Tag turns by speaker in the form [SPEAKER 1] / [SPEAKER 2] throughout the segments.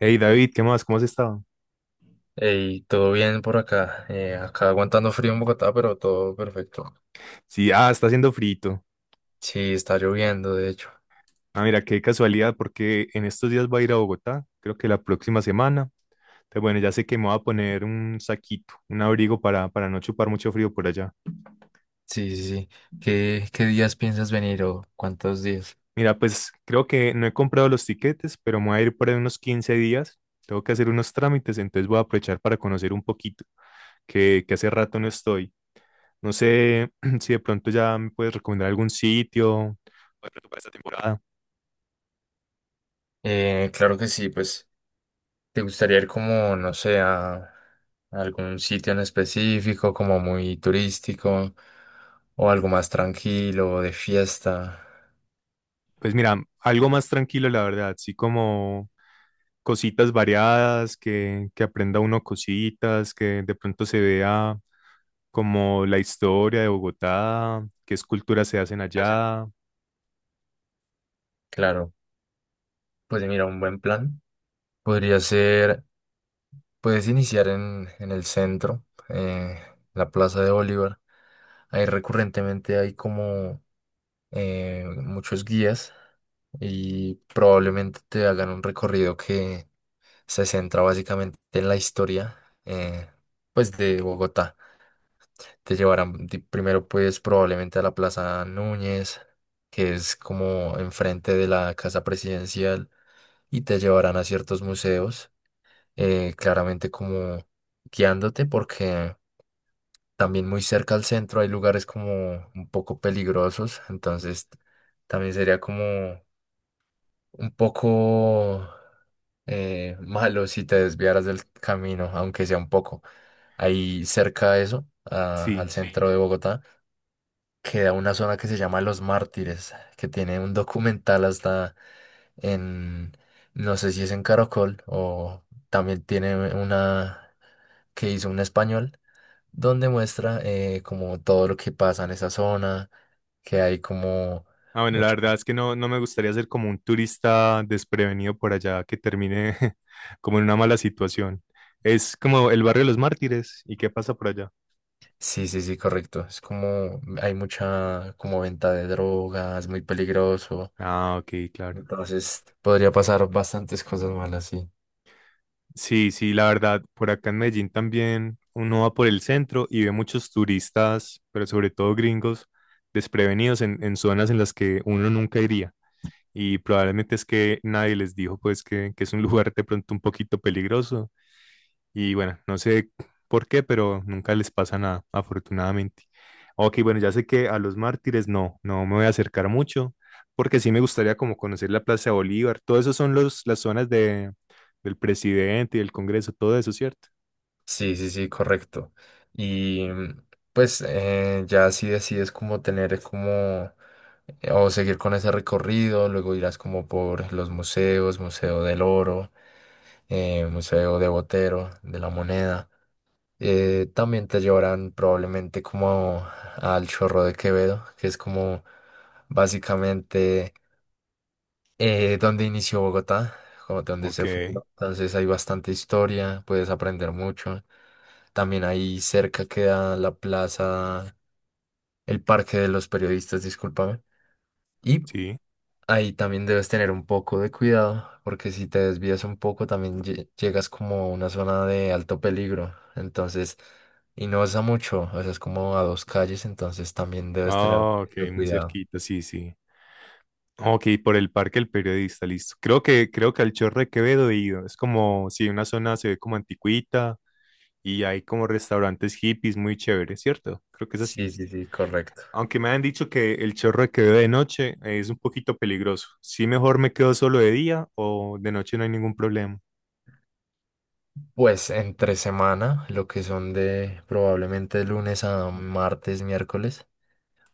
[SPEAKER 1] Hey David, ¿qué más? ¿Cómo has estado?
[SPEAKER 2] Y todo bien por acá. Acá aguantando frío en Bogotá, pero todo perfecto.
[SPEAKER 1] Sí, ah, está haciendo frito.
[SPEAKER 2] Sí, está lloviendo, de hecho.
[SPEAKER 1] Ah, mira, qué casualidad, porque en estos días voy a ir a Bogotá, creo que la próxima semana. Entonces, bueno, ya sé que me voy a poner un saquito, un abrigo para no chupar mucho frío por allá.
[SPEAKER 2] Sí, sí, sí. ¿Qué días piensas venir o cuántos días?
[SPEAKER 1] Mira, pues creo que no he comprado los tiquetes, pero me voy a ir por ahí unos 15 días. Tengo que hacer unos trámites, entonces voy a aprovechar para conocer un poquito, que hace rato no estoy. No sé si de pronto ya me puedes recomendar algún sitio, o de pronto para esta temporada.
[SPEAKER 2] Claro que sí, pues, ¿te gustaría ir como, no sé, a algún sitio en específico, como muy turístico, o algo más tranquilo, de fiesta?
[SPEAKER 1] Pues mira, algo más tranquilo, la verdad, sí como cositas variadas, que aprenda uno cositas, que de pronto se vea como la historia de Bogotá, qué esculturas se hacen
[SPEAKER 2] ¿Qué hacen?
[SPEAKER 1] allá,
[SPEAKER 2] Claro, pues mira, un buen plan podría ser, puedes iniciar en el centro, eh, la Plaza de Bolívar. Ahí recurrentemente hay como muchos guías y probablemente te hagan un recorrido que se centra básicamente en la historia eh, pues de Bogotá. Te llevarán primero pues probablemente a la Plaza Núñez, que es como enfrente de la Casa Presidencial y te llevarán a ciertos museos, claramente como guiándote porque también muy cerca al centro hay lugares como un poco peligrosos, entonces también sería como un poco malo si te desviaras del camino, aunque sea un poco. Ahí cerca de eso, al
[SPEAKER 1] sí.
[SPEAKER 2] Sí. centro de Bogotá, queda una zona que se llama Los Mártires, que tiene un documental hasta en, no sé si es en Caracol o también tiene una que hizo un español donde muestra como todo lo que pasa en esa zona, que hay como
[SPEAKER 1] Ah, bueno, la
[SPEAKER 2] mucha...
[SPEAKER 1] verdad es que no, no me gustaría ser como un turista desprevenido por allá que termine como en una mala situación. Es como el barrio de los mártires, ¿y qué pasa por allá?
[SPEAKER 2] Sí, sí, sí, correcto. Es como hay mucha como venta de drogas, muy peligroso.
[SPEAKER 1] Ah, ok, claro.
[SPEAKER 2] Entonces podría pasar bastantes cosas malas, sí.
[SPEAKER 1] Sí, sí, la verdad, por acá en Medellín también uno va por el centro y ve muchos turistas, pero sobre todo gringos, desprevenidos en zonas en las que uno nunca iría. Y probablemente es que nadie les dijo pues que es un lugar de pronto un poquito peligroso y bueno, no sé por qué, pero nunca les pasa nada, afortunadamente. Ok, bueno, ya sé que a los mártires no, no me voy a acercar mucho, porque sí me gustaría como conocer la Plaza de Bolívar. Todo eso son las zonas del presidente y del Congreso, todo eso, ¿cierto?
[SPEAKER 2] Sí, sí, sí, correcto. Y pues ya si decides como tener como o seguir con ese recorrido, luego irás como por los museos, Museo del Oro, Museo de Botero, de la Moneda. También te llevarán probablemente como al Chorro de Quevedo, que es como básicamente donde inició Bogotá, como donde
[SPEAKER 1] Ok,
[SPEAKER 2] se fundó. Entonces hay bastante historia, puedes aprender mucho. También ahí cerca queda la plaza, el Parque de los Periodistas, discúlpame. Y
[SPEAKER 1] sí.
[SPEAKER 2] ahí también debes tener un poco de cuidado, porque si te desvías un poco también llegas como a una zona de alto peligro. Entonces, y no es a mucho, o sea, es como a dos calles, entonces también debes tener
[SPEAKER 1] Ah, ok,
[SPEAKER 2] mucho
[SPEAKER 1] muy
[SPEAKER 2] cuidado.
[SPEAKER 1] cerquita, sí, sí. Ok, por el Parque del Periodista, listo. Creo que al Chorro de Quevedo he ido. Es como, si una zona se ve como anticuita y hay como restaurantes hippies muy chéveres, ¿cierto? Creo que es
[SPEAKER 2] Sí,
[SPEAKER 1] así.
[SPEAKER 2] sí, sí, correcto.
[SPEAKER 1] Aunque me han dicho que el Chorro de Quevedo de noche es un poquito peligroso. Sí, mejor me quedo solo de día o de noche no hay ningún problema.
[SPEAKER 2] Pues entre semana, lo que son de probablemente lunes a martes, miércoles,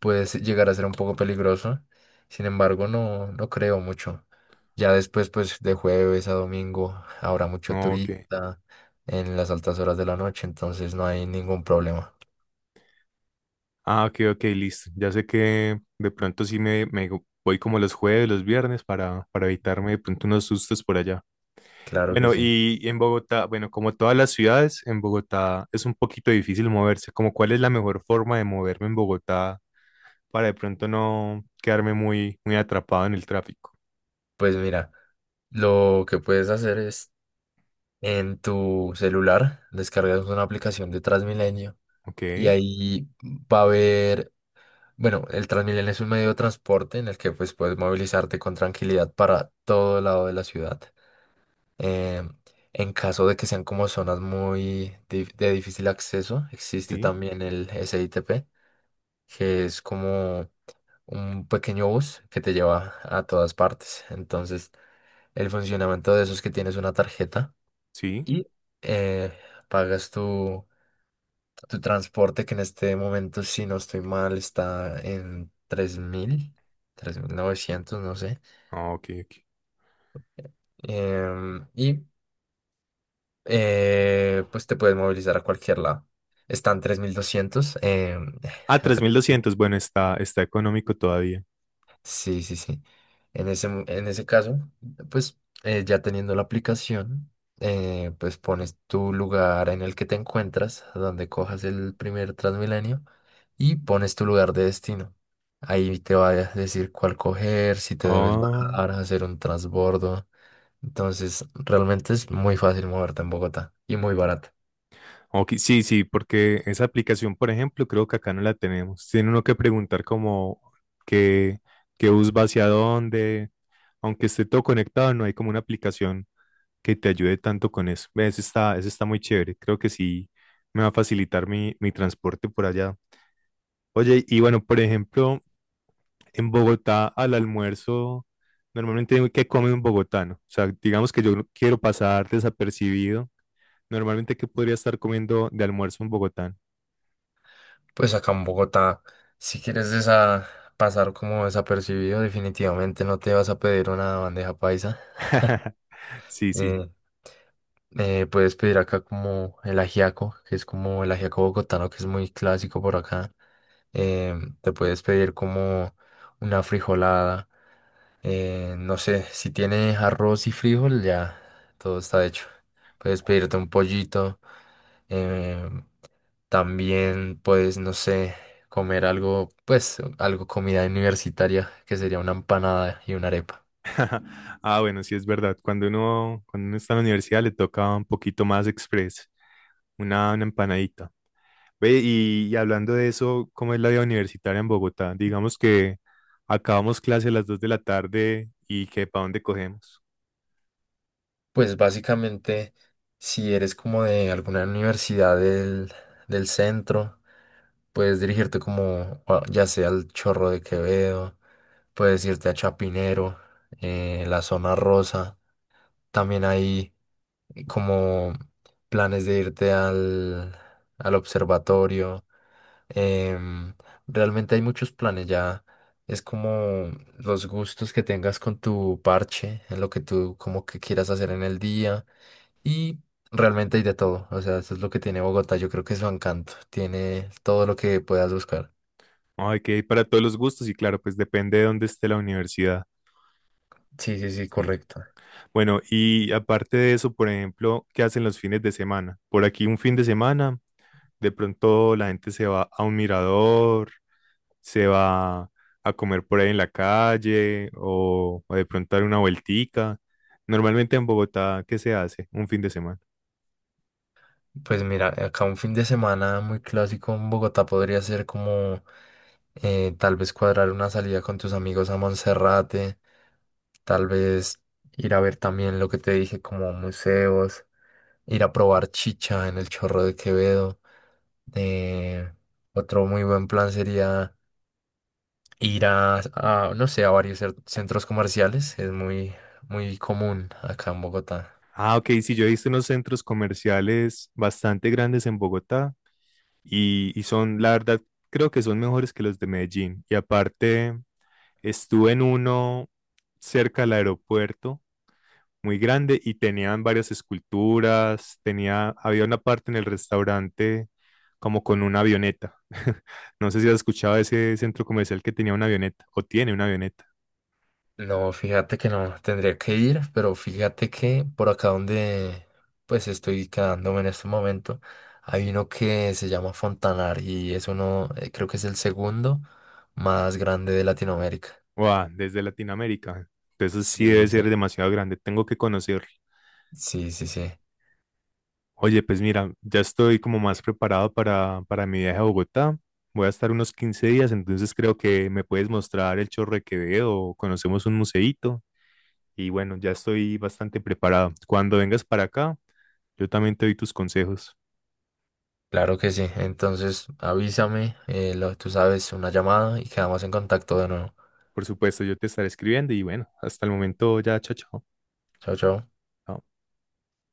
[SPEAKER 2] puede llegar a ser un poco peligroso. Sin embargo, no creo mucho. Ya después, pues de jueves a domingo, habrá mucho
[SPEAKER 1] Ok.
[SPEAKER 2] turista en las altas horas de la noche, entonces no hay ningún problema.
[SPEAKER 1] Ah, ok, ok, listo. Ya sé que de pronto sí me voy como los jueves, los viernes para evitarme de pronto unos sustos por allá.
[SPEAKER 2] Claro que
[SPEAKER 1] Bueno,
[SPEAKER 2] sí.
[SPEAKER 1] y en Bogotá, bueno, como todas las ciudades, en Bogotá es un poquito difícil moverse. Como cuál es la mejor forma de moverme en Bogotá para de pronto no quedarme muy, muy atrapado en el tráfico.
[SPEAKER 2] Pues mira, lo que puedes hacer es en tu celular, descargas una aplicación de Transmilenio
[SPEAKER 1] Ok,
[SPEAKER 2] y ahí va a haber, bueno, el Transmilenio es un medio de transporte en el que pues puedes movilizarte con tranquilidad para todo lado de la ciudad. Eh, en caso de que sean como zonas muy de difícil acceso, existe
[SPEAKER 1] sí,
[SPEAKER 2] también el SITP, que es como un pequeño bus que te lleva a todas partes. Entonces, el funcionamiento de eso es que tienes una tarjeta
[SPEAKER 1] sí.
[SPEAKER 2] y eh, pagas tu transporte, que en este momento, si no estoy mal, está en 3900 no sé.
[SPEAKER 1] Ah, ok, ok.
[SPEAKER 2] Y pues te puedes movilizar a cualquier lado. Están 3200.
[SPEAKER 1] Ah,
[SPEAKER 2] Acá-
[SPEAKER 1] 3200, bueno, está, está económico todavía.
[SPEAKER 2] sí, sí, sí. En ese, en ese caso, pues ya teniendo la aplicación, pues pones tu lugar en el que te encuentras, donde cojas el primer Transmilenio y pones tu lugar de destino. Ahí te va a decir cuál coger, si te debes
[SPEAKER 1] Oh,
[SPEAKER 2] bajar, hacer un transbordo. Entonces, realmente es muy fácil moverte en Bogotá y muy barato.
[SPEAKER 1] ok, sí, sí, porque esa aplicación, por ejemplo, creo que acá no la tenemos. Tiene uno que preguntar como qué, qué bus va hacia dónde. Aunque esté todo conectado, no hay como una aplicación que te ayude tanto con eso. Ve, ese está, ese está muy chévere. Creo que sí me va a facilitar mi transporte por allá. Oye, y bueno, por ejemplo, en Bogotá al almuerzo, normalmente, ¿qué come un bogotano? O sea, digamos que yo no quiero pasar desapercibido. Normalmente, ¿qué podría estar comiendo de almuerzo un bogotano?
[SPEAKER 2] Pues acá en Bogotá, si quieres pasar como desapercibido, definitivamente no te vas a pedir una bandeja paisa.
[SPEAKER 1] Sí, sí.
[SPEAKER 2] Eh, Puedes pedir acá como el ajiaco, que es como el ajiaco bogotano, que es muy clásico por acá. Eh, Te puedes pedir como una frijolada. No sé, si tienes arroz y frijol, ya todo está hecho. Puedes
[SPEAKER 1] Uy.
[SPEAKER 2] pedirte un pollito. eh, También, puedes no sé, comer algo, pues, algo comida universitaria, que sería una empanada y una arepa.
[SPEAKER 1] Ah, bueno, sí es verdad. Cuando uno está en la universidad le toca un poquito más express, una empanadita. Ve, y hablando de eso, ¿cómo es la vida universitaria en Bogotá? Digamos que acabamos clase a las 2 de la tarde y que para dónde cogemos.
[SPEAKER 2] Pues básicamente, si eres como de alguna universidad del centro, puedes dirigirte como, o ya sea al Chorro de Quevedo, puedes irte a Chapinero, la zona rosa. También hay como planes de irte al observatorio. Em, Realmente hay muchos planes, ya es como los gustos que tengas con tu parche, en lo que tú como que quieras hacer en el día y realmente hay de todo, o sea, eso es lo que tiene Bogotá, yo creo que es su encanto, tiene todo lo que puedas buscar.
[SPEAKER 1] Ay, que hay para todos los gustos y claro, pues depende de dónde esté la universidad.
[SPEAKER 2] Sí, sí, sí,
[SPEAKER 1] Sí.
[SPEAKER 2] correcto.
[SPEAKER 1] Bueno, y aparte de eso, por ejemplo, ¿qué hacen los fines de semana? Por aquí un fin de semana, de pronto la gente se va a un mirador, se va a comer por ahí en la calle o de pronto dar una vueltica. Normalmente en Bogotá, ¿qué se hace un fin de semana?
[SPEAKER 2] Pues mira, acá un fin de semana muy clásico en Bogotá podría ser como tal vez cuadrar una salida con tus amigos a Monserrate, tal vez ir a ver también lo que te dije como museos, ir a probar chicha en el Chorro de Quevedo. eh, Otro muy buen plan sería ir no sé, a varios centros comerciales, es muy, muy común acá en Bogotá.
[SPEAKER 1] Ah, ok, sí, yo he visto unos centros comerciales bastante grandes en Bogotá y son, la verdad, creo que son mejores que los de Medellín. Y aparte, estuve en uno cerca del aeropuerto, muy grande, y tenían varias esculturas, tenía, había una parte en el restaurante como con una avioneta. No sé si has escuchado de ese centro comercial que tenía una avioneta o tiene una avioneta.
[SPEAKER 2] No, fíjate que no, tendría que ir, pero fíjate que por acá donde pues estoy quedándome en este momento, hay uno que se llama Fontanar y es uno, creo que es el segundo más grande de Latinoamérica.
[SPEAKER 1] Wow, desde Latinoamérica. Entonces
[SPEAKER 2] Sí,
[SPEAKER 1] sí debe
[SPEAKER 2] sí, sí.
[SPEAKER 1] ser demasiado grande, tengo que conocerlo.
[SPEAKER 2] Sí, sí, sí.
[SPEAKER 1] Oye, pues mira, ya estoy como más preparado para mi viaje a Bogotá. Voy a estar unos 15 días, entonces creo que me puedes mostrar el Chorro de Quevedo o conocemos un museíto. Y bueno, ya estoy bastante preparado. Cuando vengas para acá, yo también te doy tus consejos.
[SPEAKER 2] Claro que sí. Entonces avísame, lo, tú sabes, una llamada y quedamos en contacto de nuevo.
[SPEAKER 1] Por supuesto, yo te estaré escribiendo y bueno, hasta el momento ya, chao,
[SPEAKER 2] Chao, chao.
[SPEAKER 1] chao.